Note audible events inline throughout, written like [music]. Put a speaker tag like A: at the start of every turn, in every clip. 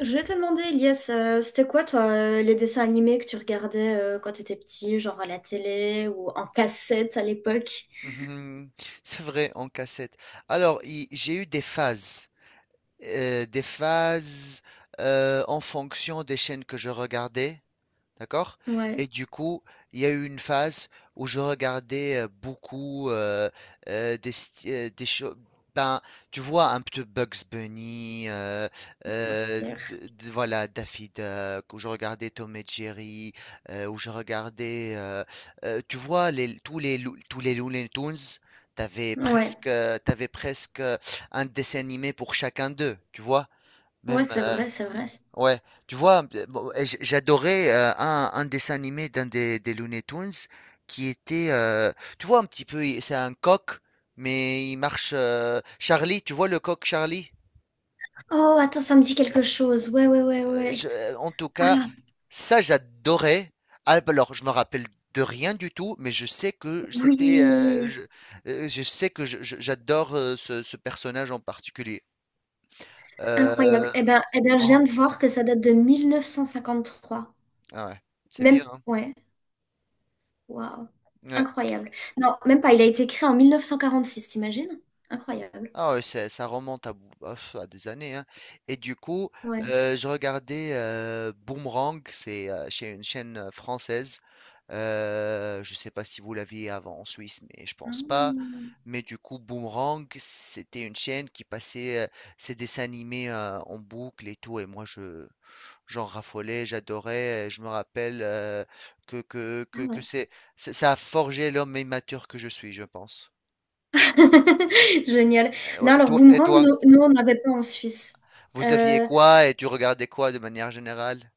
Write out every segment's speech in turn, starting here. A: Je voulais te demander, Elias, c'était quoi, toi, les dessins animés que tu regardais quand t'étais petit, genre à la télé ou en cassette à l'époque?
B: Mhm. C'est vrai, en cassette. Alors, j'ai eu des phases en fonction des chaînes que je regardais. D'accord? Et
A: Ouais,
B: du coup, il y a eu une phase où je regardais beaucoup des choses. Ben, tu vois, un peu Bugs Bunny,
A: bien sûr.
B: voilà, Daffy Duck, où je regardais Tom et Jerry, où je regardais, tu vois, les, tous les, Lou- tous les Looney Tunes. t'avais
A: Ouais,
B: presque, euh, t'avais presque euh, un dessin animé pour chacun d'eux, tu vois?
A: ouais,
B: Même,
A: c'est vrai, c'est vrai.
B: ouais, tu vois, bon, et j'adorais un dessin animé d'un des Looney Tunes qui était, tu vois, un petit peu, c'est un coq, mais il marche. Charlie, tu vois le coq Charlie?
A: Oh, attends, ça me dit quelque chose. Ouais, ouais, ouais,
B: Euh,
A: ouais.
B: je- euh, en tout cas,
A: Ah,
B: ça j'adorais. Ah, bah alors, je me rappelle de rien du tout, mais je sais que c'était,
A: oui,
B: je sais que j'adore ce personnage en particulier. Euh,
A: incroyable. Eh ben, je
B: en-
A: viens de voir que ça date de 1953.
B: ah ouais, c'est
A: Même,
B: vieux, hein?
A: ouais, waouh,
B: Ouais.
A: incroyable. Non, même pas, il a été créé en 1946, t'imagines? Incroyable.
B: Ah ouais, ça remonte à, à des années, hein. Et du coup,
A: Ouais.
B: je regardais Boomerang, c'est chez une chaîne française. Je sais pas si vous l'aviez avant en Suisse, mais je pense pas.
A: Ah,
B: Mais du coup, Boomerang, c'était une chaîne qui passait ses dessins animés en boucle et tout. Et moi, j'en raffolais, j'adorais. Et je me rappelle
A: ah
B: que
A: ouais.
B: c'est, ça ça a forgé l'homme immature que je suis, je pense.
A: [laughs] Génial.
B: Euh,
A: Non,
B: ouais,
A: alors
B: toi, et
A: Boomerang,
B: toi?
A: nous, nous, on n'avait pas en Suisse.
B: Vous aviez
A: Euh,
B: quoi et tu regardais quoi de manière générale?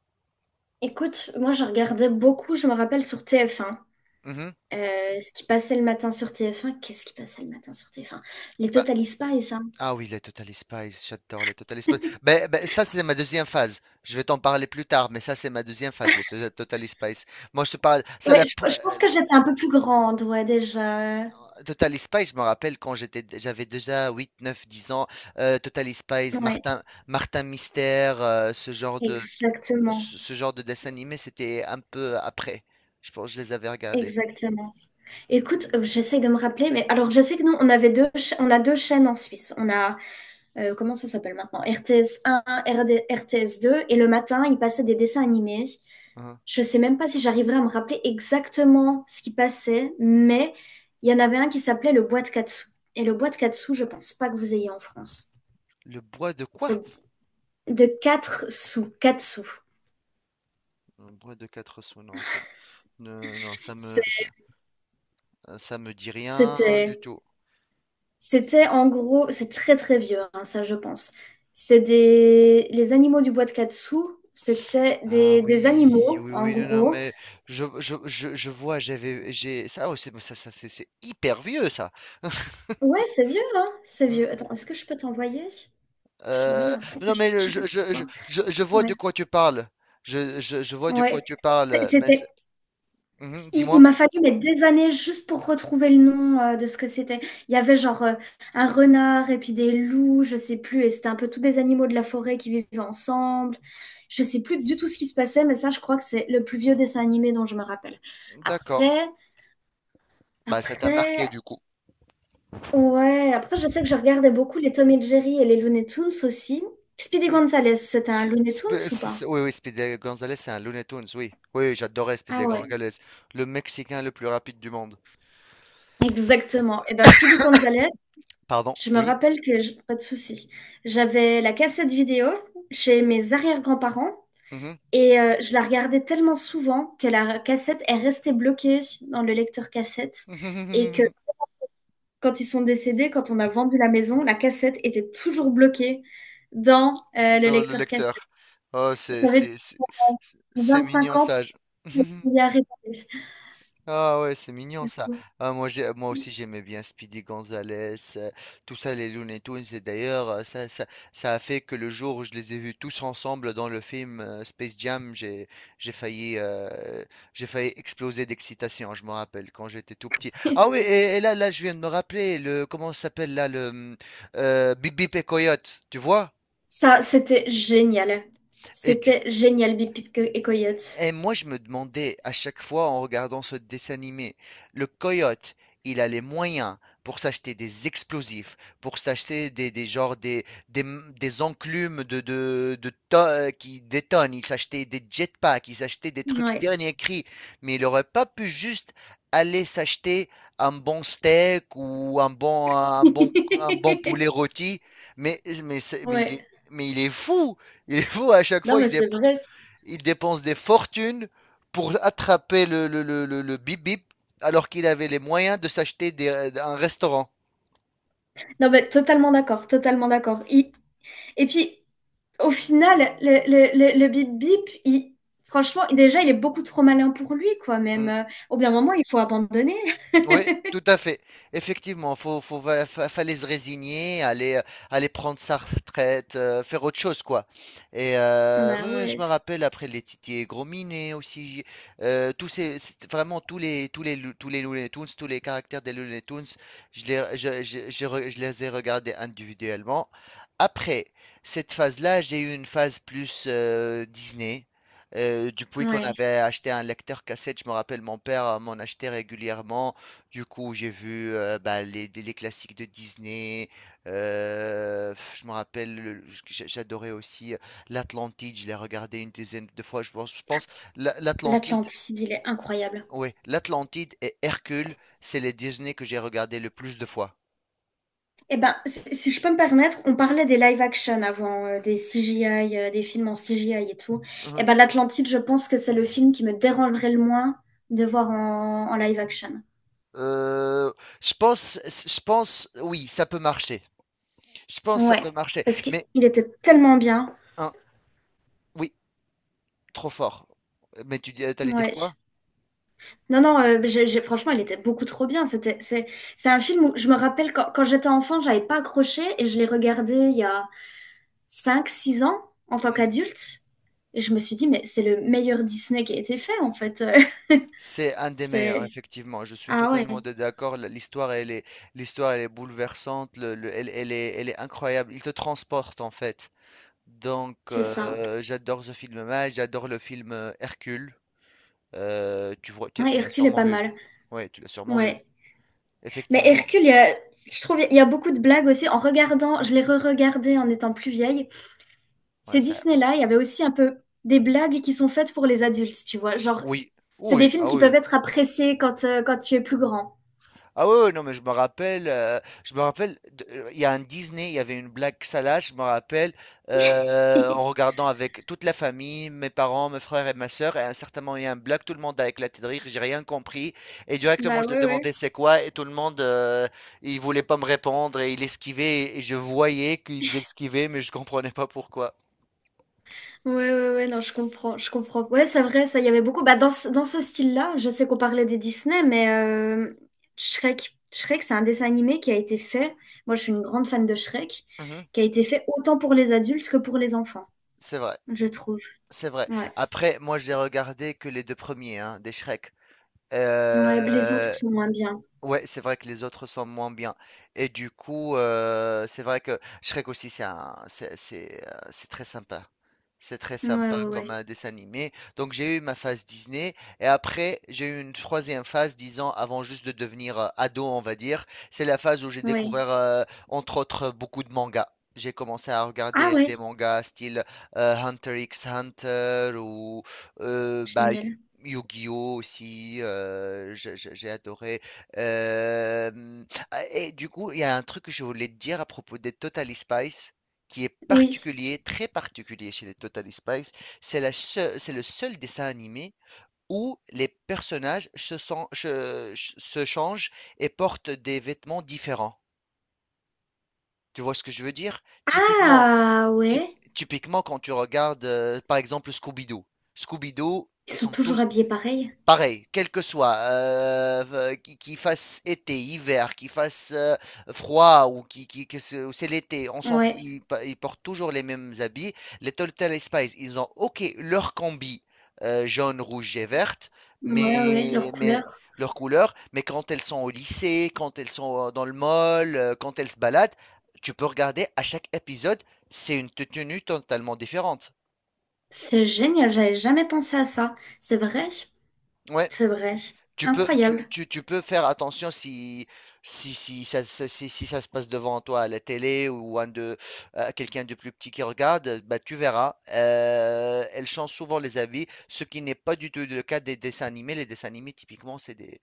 A: Écoute, moi je regardais beaucoup, je me rappelle sur tf un.
B: Mhm.
A: Ce qui passait le matin sur tf un. Qu'est-ce qui passait le matin sur tf un. Les
B: Bah,
A: Total Spies et ça.
B: ah oui, les Total Spies, j'adore les Total Spies. Ben, ça, c'est ma deuxième phase. Je vais t'en parler plus tard, mais ça, c'est ma deuxième phase, les Total Spies. Moi, je te parle, ça,
A: Ouais, je, je pense que j'étais un peu plus grande, ouais, déjà.
B: Total Spies, je me rappelle quand j'avais déjà 8, 9, 10 ans. Total Spies,
A: Ouais,
B: Martin, Martin Mystère, ce genre de, de-
A: exactement.
B: ce ce genre de dessin animé, c'était un peu après. Je pense que je les avais regardés.
A: Exactement. Écoute, j'essaye de me rappeler, mais alors je sais que nous, on a deux chaînes en Suisse. On a comment ça s'appelle maintenant? RTS 1, RD RTS 2, et le matin, ils passaient des dessins animés.
B: Hein.
A: Je sais même pas si j'arriverai à me rappeler exactement ce qui passait, mais il y en avait un qui s'appelait le bois de quatre sous. Et le bois de quatre sous, je pense pas que vous ayez en France.
B: Le bois de
A: Ça
B: quoi?
A: dit- de quatre sous, quatre sous.
B: Le bois de quatre sous, non, ça, ne- non,
A: C'est-
B: ça me dit rien du
A: C'était,
B: tout.
A: c'était
B: Ça-
A: en gros, c'est très très vieux, hein, ça je pense. C'est des, les animaux du bois de quatre sous, c'était
B: Ah
A: des
B: oui,
A: animaux,
B: oui,
A: en
B: oui, non, non,
A: gros.
B: mais je vois, j'avais, j'ai, ça, oh, c'est, ça, c'est hyper vieux, ça. [laughs]
A: Ouais, c'est vieux, hein? C'est
B: Mm,
A: vieux. Attends, est-ce que je peux t'envoyer? Je t'ai
B: euh,
A: envoyé un truc, mais
B: non,
A: je
B: mais
A: je sais
B: je,
A: pas si tu
B: je, je,
A: vois.
B: je, je vois
A: Ouais,
B: de quoi tu parles. Je vois de quoi
A: ouais.
B: tu
A: C'est-
B: parles.
A: C'était.
B: Mhm,
A: Il
B: dis-moi.
A: m'a fallu mais des années juste pour retrouver le nom de ce que c'était. Il y avait genre un renard et puis des loups, je sais plus. Et c'était un peu tous des animaux de la forêt qui vivaient ensemble. Je sais plus du tout ce qui se passait, mais ça, je crois que c'est le plus vieux dessin animé dont je me rappelle.
B: D'accord.
A: Après,
B: Bah, ça t'a marqué
A: après.
B: du coup.
A: Ouais, après je sais que je regardais beaucoup les Tom et Jerry et les Looney Tunes aussi. Speedy
B: Hmm.
A: Gonzales, c'était un Looney Tunes ou pas?
B: Oui, oui, Speedy Gonzalez, c'est un Looney Tunes, oui. Oui, oui, j'adorais
A: Ah
B: Speedy
A: ouais.
B: Gonzalez, le Mexicain le plus rapide du monde.
A: Exactement. Et ben Speedy Gonzales,
B: Pardon,
A: je me
B: oui.
A: rappelle que, pas de souci, j'avais la cassette vidéo chez mes arrière-grands-parents
B: Mhm.
A: et je la regardais tellement souvent que la cassette est restée bloquée dans le lecteur cassette et que
B: [laughs]
A: quand ils sont décédés, quand on a vendu la maison, la cassette était toujours bloquée dans le
B: Dans le
A: lecteur cassette.
B: lecteur. Oh, c'est
A: Ça veut dire
B: c'est- c'est- c'est-
A: que
B: c'est
A: 25
B: mignon,
A: ans.
B: sage. [laughs]
A: Il y a
B: Ah ouais, c'est mignon ça.
A: Rivales.
B: Ah, moi aussi j'aimais bien Speedy Gonzales, euh, tout ça, les Looney Tunes. Et d'ailleurs, ça a fait que le jour où je les ai vus tous ensemble dans le film Space Jam, j'ai failli, euh, j'ai failli exploser d'excitation. Je me rappelle quand j'étais tout petit. Ah oui, et là, je viens de me rappeler le, comment ça s'appelle là, le, Bip Bip et Coyote, tu vois?
A: Ça, c'était génial.
B: Et du,
A: C'était génial, Bip Bip et Coyote.
B: Et moi, je me demandais à chaque fois en regardant ce dessin animé, le coyote, il a les moyens pour s'acheter des explosifs, pour s'acheter des genres des enclumes de qui détonnent, il s'achetait des jetpacks, il s'achetait des trucs
A: Ouais,
B: dernier cri, mais il aurait pas pu juste aller s'acheter un bon steak ou un bon poulet rôti, mais, mais, c'est- mais, il
A: ouais.
B: est, mais il est fou à chaque
A: Non,
B: fois, il,
A: mais c'est
B: dép-
A: vrai.
B: il dépense des fortunes pour attraper le bip bip alors qu'il avait les moyens de s'acheter un restaurant.
A: Non, mais totalement d'accord, totalement d'accord. Et puis, au final, le Bip Bip, franchement, déjà, il est beaucoup trop malin pour lui, quoi, même.
B: Hmm.
A: Au bien moment, il faut abandonner.
B: Oui,
A: [laughs]
B: tout à fait. Effectivement, fallait se résigner, aller prendre sa retraite, faire autre chose, quoi. Et
A: Bah
B: ouais, je
A: ouais,
B: me rappelle après les Titi et Gros Minet aussi, c'est vraiment tous les Looney Tunes, tous les caractères des Looney Tunes, je les, je re- je les ai regardés individuellement. Après cette phase-là, j'ai eu une phase plus Disney. Depuis qu'on
A: ouais.
B: avait acheté un lecteur cassette, je me rappelle, mon père m'en achetait régulièrement. Du coup, j'ai vu bah, les classiques de Disney. Je me rappelle, j'adorais aussi l'Atlantide. Je l'ai regardé une dizaine de fois. Je pense l'Atlantide,
A: L'Atlantide, il est incroyable.
B: ouais, l'Atlantide et Hercule, c'est les Disney que j'ai regardé le plus de fois.
A: Eh ben, si je peux me permettre, on parlait des live action avant, des CGI, des films en CGI et tout. Eh
B: Hein.
A: ben, l'Atlantide, je pense que c'est le film qui me dérangerait le moins de voir en, en live action.
B: Euh, je pense, oui, ça peut marcher. Je pense que ça
A: Ouais,
B: peut marcher.
A: parce qu'il
B: Mais
A: il était tellement bien.
B: hein, oui. Trop fort. Mais t'allais dire quoi?
A: Ouais. Non, non, franchement, il était beaucoup trop bien. C'est un film où je me rappelle quand, quand j'étais enfant, j'avais pas accroché et je l'ai regardé il y a cinq, six ans en tant
B: Mhm.
A: qu'adulte. Et je me suis dit, mais c'est le meilleur Disney qui a été fait, en fait.
B: C'est
A: [laughs]
B: un des meilleurs,
A: C'est...
B: effectivement. Je suis
A: Ah ouais.
B: totalement d'accord. L'histoire, elle est bouleversante. Elle est incroyable. Il te transporte, en fait. Donc,
A: C'est ça.
B: j'adore ce film-là. J'adore le film Hercule. Tu vois, tu,
A: Ouais,
B: tu l'as
A: Hercule est
B: sûrement
A: pas
B: vu.
A: mal.
B: Oui, tu l'as sûrement vu.
A: Ouais. Mais
B: Effectivement,
A: Hercule, je trouve il y a beaucoup de blagues aussi. En regardant, je l'ai re-regardé en étant plus vieille.
B: ouais,
A: Ces
B: c'est
A: Disney-là, il y avait aussi un peu des blagues qui sont faites pour les adultes, tu vois. Genre,
B: oui,
A: c'est des
B: oui,
A: films
B: ah
A: qui peuvent
B: oui.
A: être appréciés quand, quand tu es plus grand.
B: Ah ouais, ouais, non, mais je me rappelle, de- il y a un Disney, il y avait une blague salace, je me rappelle, en
A: [laughs]
B: regardant avec toute la famille, mes parents, mes frères et ma sœur, et à un certain moment, il y a un blague, tout le monde a éclaté de rire, j'ai rien compris, et directement,
A: Bah
B: je lui ai
A: ouais, ouais.
B: demandé c'est quoi, et tout le monde, il voulait pas me répondre, et il esquivait, et je voyais qu'ils esquivaient, mais je comprenais pas pourquoi.
A: Ouais, ouais, ouais, non, je comprends, je comprends. Ouais, c'est vrai, ça, il y avait beaucoup. Bah, dans ce style-là, je sais qu'on parlait des Disney, mais Shrek, Shrek, c'est un dessin animé qui a été fait. Moi, je suis une grande fan de Shrek,
B: Mhm,
A: qui a été fait autant pour les adultes que pour les enfants,
B: c'est vrai,
A: je trouve.
B: c'est vrai.
A: Ouais,
B: Après, moi j'ai regardé que les deux premiers, hein, des Shrek.
A: ouais, les autres
B: Euh,
A: sont moins bien.
B: Ouais, c'est vrai que les autres sont moins bien. Et du coup, c'est vrai que Shrek aussi, c'est très sympa. C'est très
A: Ouais, ouais,
B: sympa comme
A: ouais,
B: un dessin animé. Donc j'ai eu ma phase Disney et après j'ai eu une troisième phase, 10 ans avant juste de devenir ado, on va dire. C'est la phase où j'ai
A: ouais.
B: découvert, entre autres, beaucoup de mangas. J'ai commencé à
A: Ah
B: regarder
A: ouais,
B: des mangas style Hunter x Hunter ou bah,
A: génial.
B: Yu-Gi-Oh aussi. J'ai adoré. Ah et du coup, il y a un truc que je voulais te dire à propos des Totally Spice qui est
A: Oui.
B: particulier, très particulier chez les Totally Spice. C'est le seul dessin animé où les personnages se, sen- se se changent et portent des vêtements différents. Tu vois ce que je veux dire? Typiquement,
A: Ah
B: typ-
A: ouais,
B: typiquement quand tu regardes, par exemple, Scooby-Doo. Scooby-Doo,
A: ils
B: ils
A: sont
B: sont
A: toujours
B: tous.
A: habillés pareil.
B: Pareil, quel que soit, qu'il fasse été, hiver, qu'il fasse, froid ou qui, qu'il que c'est ou c'est l'été, on s'en fout,
A: Ouais,
B: ils portent toujours les mêmes habits. Les Total Spice, ils ont OK leur combi, jaune, rouge et verte,
A: ouais, ouais,
B: mais
A: leur couleur.
B: mais leurs couleurs, mais quand elles sont au lycée, quand elles sont, dans le mall, quand elles se baladent, tu peux regarder à chaque épisode, c'est une tenue totalement différente.
A: C'est génial, j'avais jamais pensé à ça. C'est vrai?
B: Ouais.
A: C'est vrai.
B: Tu peux, tu,
A: Incroyable.
B: tu, tu peux faire attention si, si ça se passe devant toi à la télé ou quelqu'un de plus petit qui regarde, bah, tu verras. Elle change souvent les avis, ce qui n'est pas du tout le cas des dessins animés. Les dessins animés, typiquement, c'est des.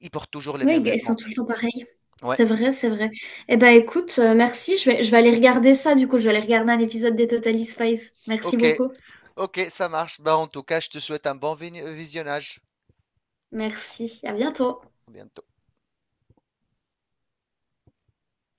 B: Ils portent toujours les
A: Oui,
B: mêmes
A: ils sont
B: vêtements.
A: tout le temps pareils.
B: Ouais,
A: C'est vrai, c'est vrai. Eh ben écoute, merci. Je vais aller regarder ça du coup. Je vais aller regarder un épisode des Totally Spies. Merci
B: ok,
A: beaucoup.
B: ok, ça marche. Bah, en tout cas, je te souhaite un bon visionnage.
A: Merci. À bientôt.
B: À bientôt.